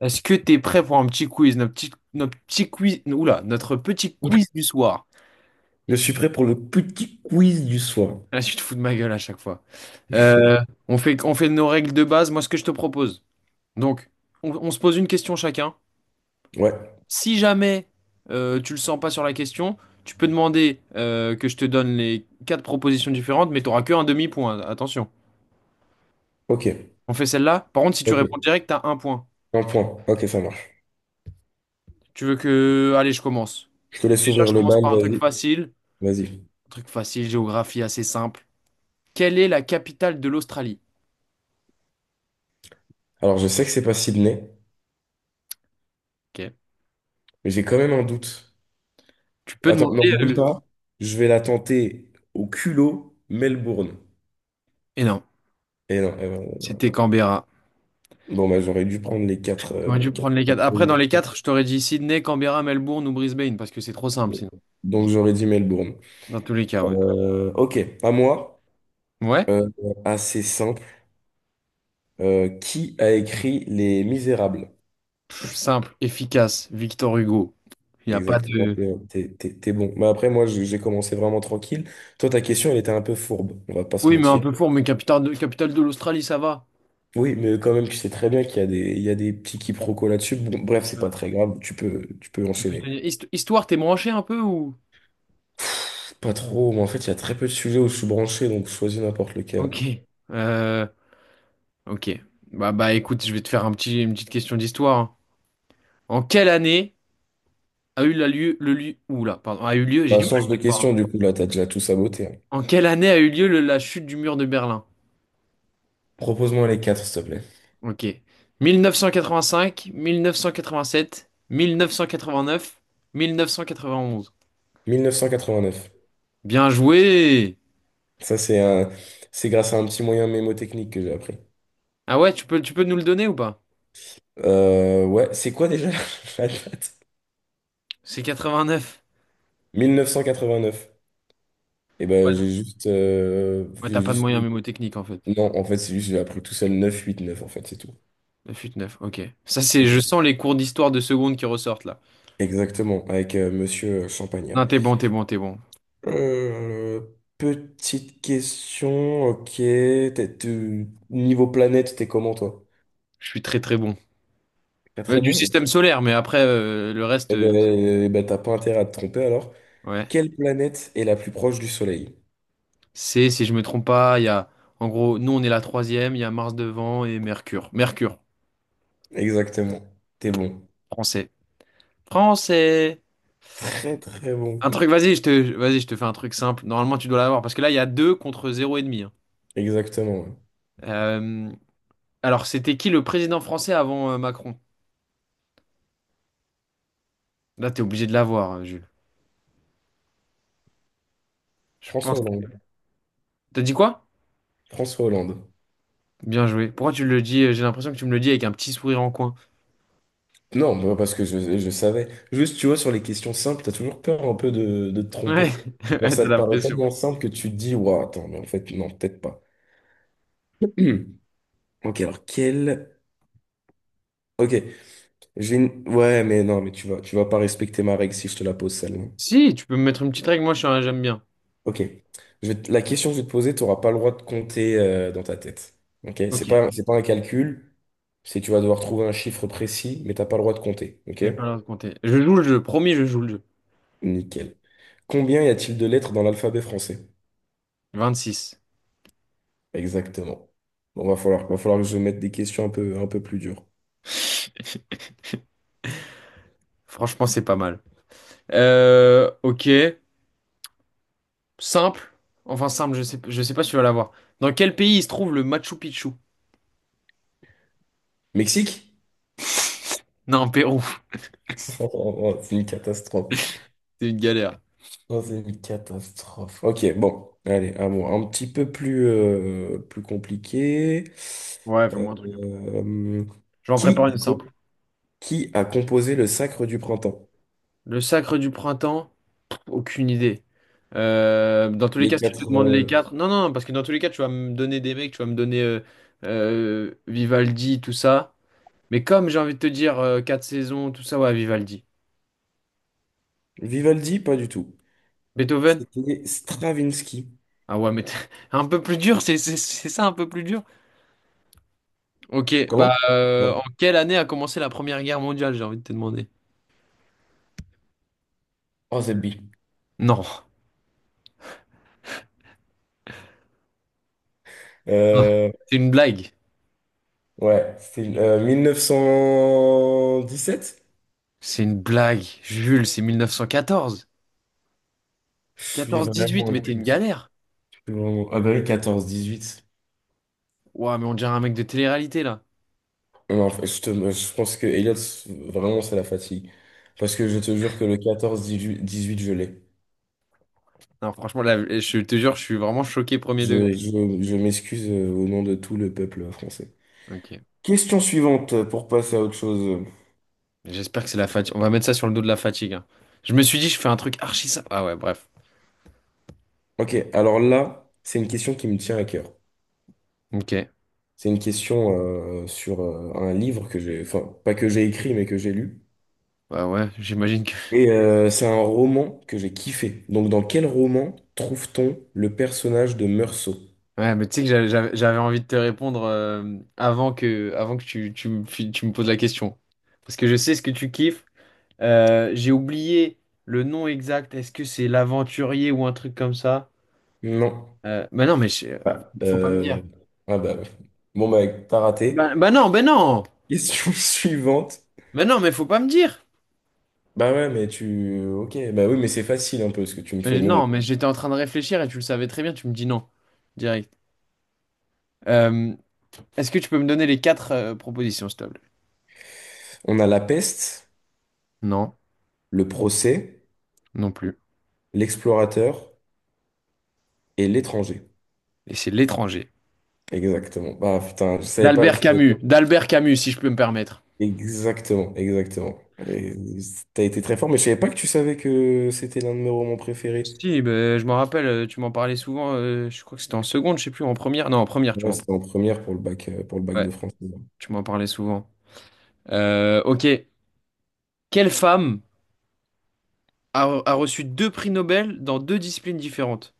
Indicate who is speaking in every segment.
Speaker 1: Est-ce que t'es prêt pour un petit quiz, notre petit quiz, notre petit quiz du soir?
Speaker 2: Je suis prêt pour le petit quiz du soir.
Speaker 1: Là, tu te fous de ma gueule à chaque fois. Euh, on fait nos règles de base. Moi, ce que je te propose. Donc, on se pose une question chacun.
Speaker 2: Ouais,
Speaker 1: Si jamais tu le sens pas sur la question, tu peux demander que je te donne les quatre propositions différentes, mais t'auras que un demi-point. Attention.
Speaker 2: ok,
Speaker 1: On fait celle-là. Par contre, si tu réponds
Speaker 2: ok.
Speaker 1: direct, t'as un point.
Speaker 2: Un point, ok, ça marche.
Speaker 1: Tu veux que, allez, je commence.
Speaker 2: Je te laisse
Speaker 1: Déjà, je
Speaker 2: ouvrir le
Speaker 1: commence
Speaker 2: bal,
Speaker 1: par un truc
Speaker 2: vas-y,
Speaker 1: facile.
Speaker 2: vas-y.
Speaker 1: Un truc facile, géographie assez simple. Quelle est la capitale de l'Australie?
Speaker 2: Alors, je sais que c'est pas Sydney,
Speaker 1: Ok.
Speaker 2: mais j'ai quand même un doute.
Speaker 1: Tu peux
Speaker 2: Attends, non,
Speaker 1: demander.
Speaker 2: même pas. Je vais la tenter au culot Melbourne.
Speaker 1: Et non,
Speaker 2: Et non, eh ben,
Speaker 1: c'était Canberra.
Speaker 2: bon, bah, j'aurais dû prendre
Speaker 1: J'aurais
Speaker 2: les
Speaker 1: dû
Speaker 2: quatre
Speaker 1: prendre les quatre. Après, dans les
Speaker 2: propositions.
Speaker 1: quatre, je t'aurais dit Sydney, Canberra, Melbourne ou Brisbane, parce que c'est trop simple sinon.
Speaker 2: Donc, j'aurais dit Melbourne.
Speaker 1: Dans tous les cas, ouais.
Speaker 2: Ok, à moi.
Speaker 1: Ouais?
Speaker 2: Euh, Assez simple. Qui a écrit Les Misérables?
Speaker 1: Simple, efficace, Victor Hugo. Il n'y a pas
Speaker 2: Exactement,
Speaker 1: de.
Speaker 2: t'es bon. Mais après, moi, j'ai commencé vraiment tranquille. Toi, ta question, elle était un peu fourbe, on va pas se
Speaker 1: Oui, mais un
Speaker 2: mentir.
Speaker 1: peu fort, mais capitale de l'Australie, ça va.
Speaker 2: Oui, mais quand même, tu sais très bien qu'il y a des, petits quiproquos là-dessus. Bon, bref, c'est pas
Speaker 1: Euh,
Speaker 2: très grave, tu peux
Speaker 1: ça peut se
Speaker 2: enchaîner.
Speaker 1: tenir. Histoire, t'es branché un peu ou.
Speaker 2: Pff, pas trop, mais en fait, il y a très peu de sujets où je suis branché, donc choisis n'importe lequel, hein.
Speaker 1: Ok. Euh, ok. Bah, écoute, je vais te faire un petit, une petite question d'histoire, hein. En quelle année a eu lieu, j'ai
Speaker 2: Bah,
Speaker 1: du mal
Speaker 2: change
Speaker 1: à
Speaker 2: de
Speaker 1: le voir, hein.
Speaker 2: question, du coup, là, t'as déjà tout saboté, hein.
Speaker 1: En quelle année a eu lieu la chute du mur de Berlin?
Speaker 2: Propose-moi les quatre, s'il te plaît.
Speaker 1: Ok. 1985, 1987, 1989, 1991.
Speaker 2: 1989.
Speaker 1: Bien joué!
Speaker 2: Ça, c'est grâce à un petit moyen mémotechnique que j'ai appris.
Speaker 1: Ah ouais, tu peux nous le donner ou pas?
Speaker 2: Ouais, c'est quoi déjà la date?
Speaker 1: C'est 89.
Speaker 2: 1989. Et
Speaker 1: Ouais,
Speaker 2: ben j'ai juste, euh,
Speaker 1: ouais, t'as
Speaker 2: j'ai
Speaker 1: pas de
Speaker 2: juste...
Speaker 1: moyens
Speaker 2: mis-
Speaker 1: mémotechniques en fait.
Speaker 2: Non, en fait, c'est juste, j'ai appris tout seul 9 8 9 en fait, c'est tout.
Speaker 1: La chute 9, ok. Ça, c'est,
Speaker 2: Ok.
Speaker 1: je sens les cours d'histoire de seconde qui ressortent là.
Speaker 2: Exactement, avec Monsieur Champagnat.
Speaker 1: Non, t'es bon, t'es bon, t'es bon.
Speaker 2: Euh, Petite question, ok. Niveau planète, t'es comment, toi?
Speaker 1: Je suis très très bon.
Speaker 2: Pas
Speaker 1: Ouais,
Speaker 2: très
Speaker 1: du
Speaker 2: bon?
Speaker 1: système solaire, mais après, le reste,
Speaker 2: Eh ben, t'as pas intérêt à te tromper, alors.
Speaker 1: ouais.
Speaker 2: Quelle planète est la plus proche du Soleil?
Speaker 1: C'est, si je me trompe pas, en gros, nous on est la troisième, il y a Mars devant et Mercure. Mercure,
Speaker 2: Exactement. T'es bon.
Speaker 1: français. Français!
Speaker 2: Très, très bon.
Speaker 1: Un truc, vas-y, je te fais un truc simple. Normalement, tu dois l'avoir parce que là, il y a deux contre zéro et demi, hein.
Speaker 2: Exactement, ouais.
Speaker 1: Euh, alors, c'était qui le président français avant Macron? Là, t'es obligé de l'avoir, hein, Jules. Je
Speaker 2: François
Speaker 1: pense.
Speaker 2: Hollande.
Speaker 1: que- T'as dit quoi?
Speaker 2: François Hollande.
Speaker 1: Bien joué. Pourquoi tu le dis? J'ai l'impression que tu me le dis avec un petit sourire en coin.
Speaker 2: Non, bah, parce que je savais. Juste, tu vois, sur les questions simples, t'as toujours peur un peu de te
Speaker 1: Ouais,
Speaker 2: tromper. Genre,
Speaker 1: ouais, t'as
Speaker 2: ça te
Speaker 1: la
Speaker 2: paraît
Speaker 1: pression.
Speaker 2: tellement simple que tu te dis, ouah, attends, mais en fait, non, peut-être pas. Ok, alors, quel... Ok, j'ai une... Ouais, mais non, mais tu vas pas respecter ma règle si je te la pose, celle-là.
Speaker 1: Si, tu peux me mettre une petite règle, moi je suis un- j'aime bien.
Speaker 2: Ok, la question que je vais te poser, t'auras pas le droit de compter dans ta tête. Ok, c'est
Speaker 1: Ok,
Speaker 2: pas, c'est pas un calcul, c'est tu vas devoir trouver un chiffre précis, mais t'as pas le droit de compter. Ok,
Speaker 1: j'ai pas l'air de compter. Je joue le jeu, promis, je joue le jeu.
Speaker 2: nickel. Combien y a-t-il de lettres dans l'alphabet français?
Speaker 1: 26.
Speaker 2: Exactement. Bon, va falloir que je mette des questions un peu plus dures.
Speaker 1: Franchement, c'est pas mal. Ok. Simple. Enfin, simple, je sais pas si tu vas l'avoir. Dans quel pays il se trouve le Machu Picchu?
Speaker 2: Mexique?
Speaker 1: Non, Pérou.
Speaker 2: Oh, oh, oh, c'est une catastrophe.
Speaker 1: C'est une galère.
Speaker 2: Oh, c'est une catastrophe. Ok, bon, allez, à moi. Un petit peu plus compliqué.
Speaker 1: Ouais,
Speaker 2: Euh,
Speaker 1: fais-moi un truc.
Speaker 2: euh,
Speaker 1: Je vais en
Speaker 2: qui,
Speaker 1: préparer une
Speaker 2: a
Speaker 1: simple.
Speaker 2: co- qui a composé le Sacre du Printemps?
Speaker 1: Le sacre du printemps? Aucune idée. Dans tous les
Speaker 2: Les
Speaker 1: cas, si tu te
Speaker 2: quatre.
Speaker 1: demandes les quatre. Non, non, non, parce que dans tous les cas, tu vas me donner des mecs, tu vas me donner Vivaldi, tout ça. Mais comme j'ai envie de te dire quatre saisons, tout ça, ouais, Vivaldi.
Speaker 2: Vivaldi, pas du tout.
Speaker 1: Beethoven?
Speaker 2: C'était Stravinsky.
Speaker 1: Ah ouais, un peu plus dur, c'est ça, un peu plus dur. Ok,
Speaker 2: Comment?
Speaker 1: bah
Speaker 2: Ouais.
Speaker 1: en quelle année a commencé la Première Guerre mondiale, j'ai envie de te demander.
Speaker 2: Oh, c'est B.
Speaker 1: Non,
Speaker 2: Euh,
Speaker 1: c'est une blague.
Speaker 2: ouais, c'est 1917?
Speaker 1: C'est une blague. Jules, c'est 1914.
Speaker 2: Je suis vraiment
Speaker 1: 14-18, mais t'es une
Speaker 2: inculte.
Speaker 1: galère.
Speaker 2: Je suis vraiment... Ah bah oui, 14-18.
Speaker 1: Ouah, mais on dirait un mec de télé-réalité là.
Speaker 2: Non, en fait, je pense que Elliot, vraiment, c'est la fatigue. Parce que je te jure que le 14-18, je l'ai.
Speaker 1: Non, franchement, là, je te jure, je suis vraiment choqué premier degré.
Speaker 2: Je m'excuse au nom de tout le peuple français.
Speaker 1: Ok,
Speaker 2: Question suivante pour passer à autre chose.
Speaker 1: j'espère que c'est la fatigue. On va mettre ça sur le dos de la fatigue, hein. Je me suis dit, je fais un truc archi ça. Ah ouais, bref.
Speaker 2: Ok, alors là, c'est une question qui me tient à cœur.
Speaker 1: Ok.
Speaker 2: C'est une question sur un livre que j'ai, enfin, pas que j'ai écrit, mais que j'ai lu.
Speaker 1: Bah ouais, j'imagine que.
Speaker 2: Et c'est un roman que j'ai kiffé. Donc, dans quel roman trouve-t-on le personnage de Meursault?
Speaker 1: Ouais, mais tu sais que j'avais envie de te répondre avant que tu me poses la question. Parce que je sais ce que tu kiffes. J'ai oublié le nom exact. Est-ce que c'est l'aventurier ou un truc comme ça?
Speaker 2: Non.
Speaker 1: Bah non,
Speaker 2: Ah,
Speaker 1: faut pas me dire.
Speaker 2: ah bah, ouais. Bon, bah, t'as raté.
Speaker 1: Bah, bah non, bah non!
Speaker 2: Question suivante.
Speaker 1: Bah non, mais faut pas me dire!
Speaker 2: Bah ouais, mais tu... Ok, bah oui, mais c'est facile un peu ce que tu me fais.
Speaker 1: Mais
Speaker 2: Mais
Speaker 1: non, mais
Speaker 2: bon.
Speaker 1: j'étais en train de réfléchir et tu le savais très bien, tu me dis non. Direct. Euh, est-ce que tu peux me donner les quatre propositions, s'il te plaît?
Speaker 2: On a la peste,
Speaker 1: Non,
Speaker 2: le procès,
Speaker 1: non plus.
Speaker 2: l'explorateur et l'étranger.
Speaker 1: Et c'est l'étranger.
Speaker 2: Exactement. Ah putain, je savais pas... je
Speaker 1: d'Albert Camus, si je peux me permettre.
Speaker 2: Exactement, exactement. Et t'as été très fort, mais je savais pas que tu savais que c'était l'un de mes romans préférés.
Speaker 1: Si, ben, je m'en rappelle, tu m'en parlais souvent, je crois que c'était en seconde, je sais plus, en première. Non, en première, tu
Speaker 2: Ouais,
Speaker 1: m'en
Speaker 2: c'était en première pour le pour le bac
Speaker 1: ouais,
Speaker 2: de français.
Speaker 1: tu m'en parlais souvent. Ok. Quelle femme a reçu deux prix Nobel dans deux disciplines différentes?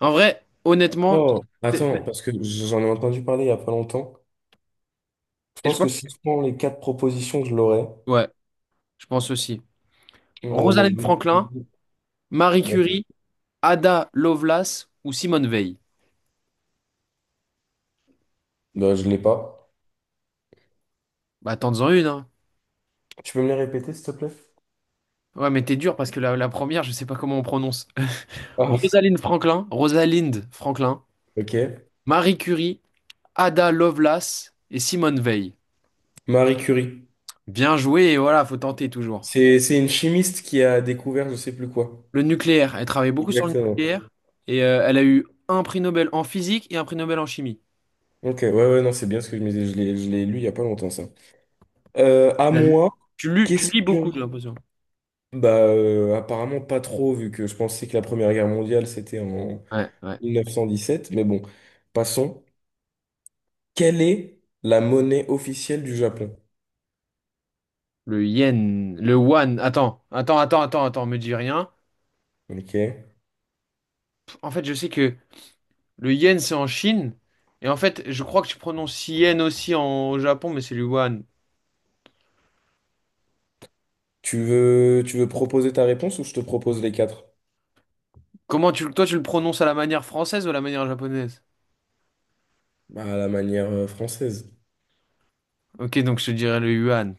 Speaker 1: En vrai, honnêtement,
Speaker 2: Oh,
Speaker 1: c'est-
Speaker 2: attends, parce que j'en ai entendu parler il n'y a pas longtemps. Je
Speaker 1: et je
Speaker 2: pense que
Speaker 1: pense
Speaker 2: si je prends les quatre propositions, je l'aurai.
Speaker 1: ouais, je pense aussi.
Speaker 2: Mais je
Speaker 1: Rosalind Franklin,
Speaker 2: vais...
Speaker 1: Marie
Speaker 2: Bon.
Speaker 1: Curie, Ada Lovelace ou Simone Veil.
Speaker 2: Bah, je ne l'ai pas.
Speaker 1: Bah, tente-en une, hein.
Speaker 2: Tu peux me les répéter, s'il te plaît?
Speaker 1: Ouais, mais t'es dur parce que la première, je sais pas comment on prononce.
Speaker 2: Ah,
Speaker 1: Rosalind Franklin, Rosalind Franklin,
Speaker 2: ok.
Speaker 1: Marie Curie, Ada Lovelace et Simone Veil.
Speaker 2: Marie Curie.
Speaker 1: Bien joué, et voilà, faut tenter toujours.
Speaker 2: C'est une chimiste qui a découvert je sais plus quoi.
Speaker 1: Le nucléaire, elle travaille beaucoup sur le
Speaker 2: Exactement.
Speaker 1: nucléaire et elle a eu un prix Nobel en physique et un prix Nobel en chimie.
Speaker 2: Ok, ouais, ouais, non, c'est bien ce que je me disais. Je l'ai lu il n'y a pas longtemps, ça. À
Speaker 1: Tu l'as lu-
Speaker 2: moi,
Speaker 1: tu lus, tu lis beaucoup, j'ai
Speaker 2: question.
Speaker 1: l'impression.
Speaker 2: Bah, apparemment pas trop, vu que je pensais que la Première Guerre mondiale, c'était en...
Speaker 1: Ouais, ouais.
Speaker 2: 1917, mais bon, passons. Quelle est la monnaie officielle du Japon?
Speaker 1: Le yen, le yuan. Attends, attends, attends, attends, attends, me dis rien.
Speaker 2: Ok.
Speaker 1: En fait, je sais que le yen, c'est en Chine. Et en fait, je crois que tu prononces yen aussi au Japon, mais c'est le yuan.
Speaker 2: Tu veux proposer ta réponse ou je te propose les quatre?
Speaker 1: Comment tu, toi, tu le prononces à la manière française ou à la manière japonaise?
Speaker 2: Bah, à la manière française.
Speaker 1: Ok, donc je te dirais le yuan.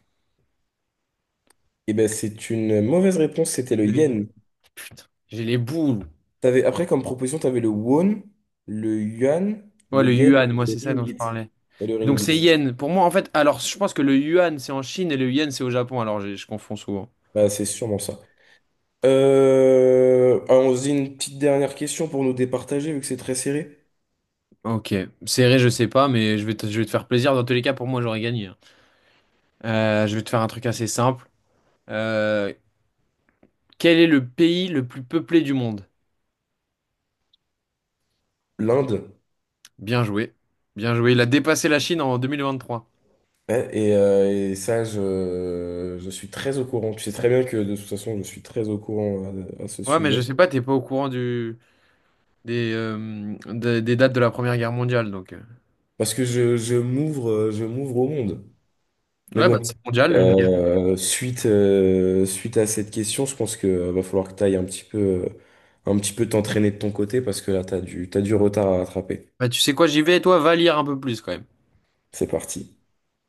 Speaker 2: Eh ben, c'est une mauvaise réponse, c'était le yen.
Speaker 1: Putain, j'ai les boules.
Speaker 2: T'avais, après, comme proposition, tu avais le won, le yuan,
Speaker 1: Ouais,
Speaker 2: le
Speaker 1: le
Speaker 2: yen
Speaker 1: yuan,
Speaker 2: et
Speaker 1: moi,
Speaker 2: le
Speaker 1: c'est ça dont je
Speaker 2: ringgit.
Speaker 1: parlais.
Speaker 2: Et le
Speaker 1: Donc, c'est
Speaker 2: ringgit.
Speaker 1: yen. Pour moi, en fait, alors, je pense que le yuan, c'est en Chine et le yen, c'est au Japon. Je confonds souvent.
Speaker 2: Bah, c'est sûrement ça. Allons-y, une petite dernière question pour nous départager, vu que c'est très serré.
Speaker 1: Ok. Serré, je sais pas, mais je vais te faire plaisir. Dans tous les cas, pour moi, j'aurais gagné, hein. Je vais te faire un truc assez simple. Euh, quel est le pays le plus peuplé du monde?
Speaker 2: L'Inde.
Speaker 1: Bien joué. Bien joué. Il a dépassé la Chine en 2023.
Speaker 2: Ouais, et ça, je suis très au courant. Tu sais très bien que de toute façon, je suis très au courant à ce
Speaker 1: Ouais, mais je
Speaker 2: sujet.
Speaker 1: sais pas, t'es pas au courant des dates de la Première Guerre mondiale, donc.
Speaker 2: Parce que je m'ouvre au monde. Mais
Speaker 1: Ouais, bah, c'est
Speaker 2: bon,
Speaker 1: mondial, l'une guerre.
Speaker 2: suite à cette question, je pense que va falloir que tu ailles un petit peu t'entraîner de ton côté parce que là, t'as du retard à rattraper.
Speaker 1: Bah, tu sais quoi, j'y vais, toi, va lire un peu plus quand même.
Speaker 2: C'est parti.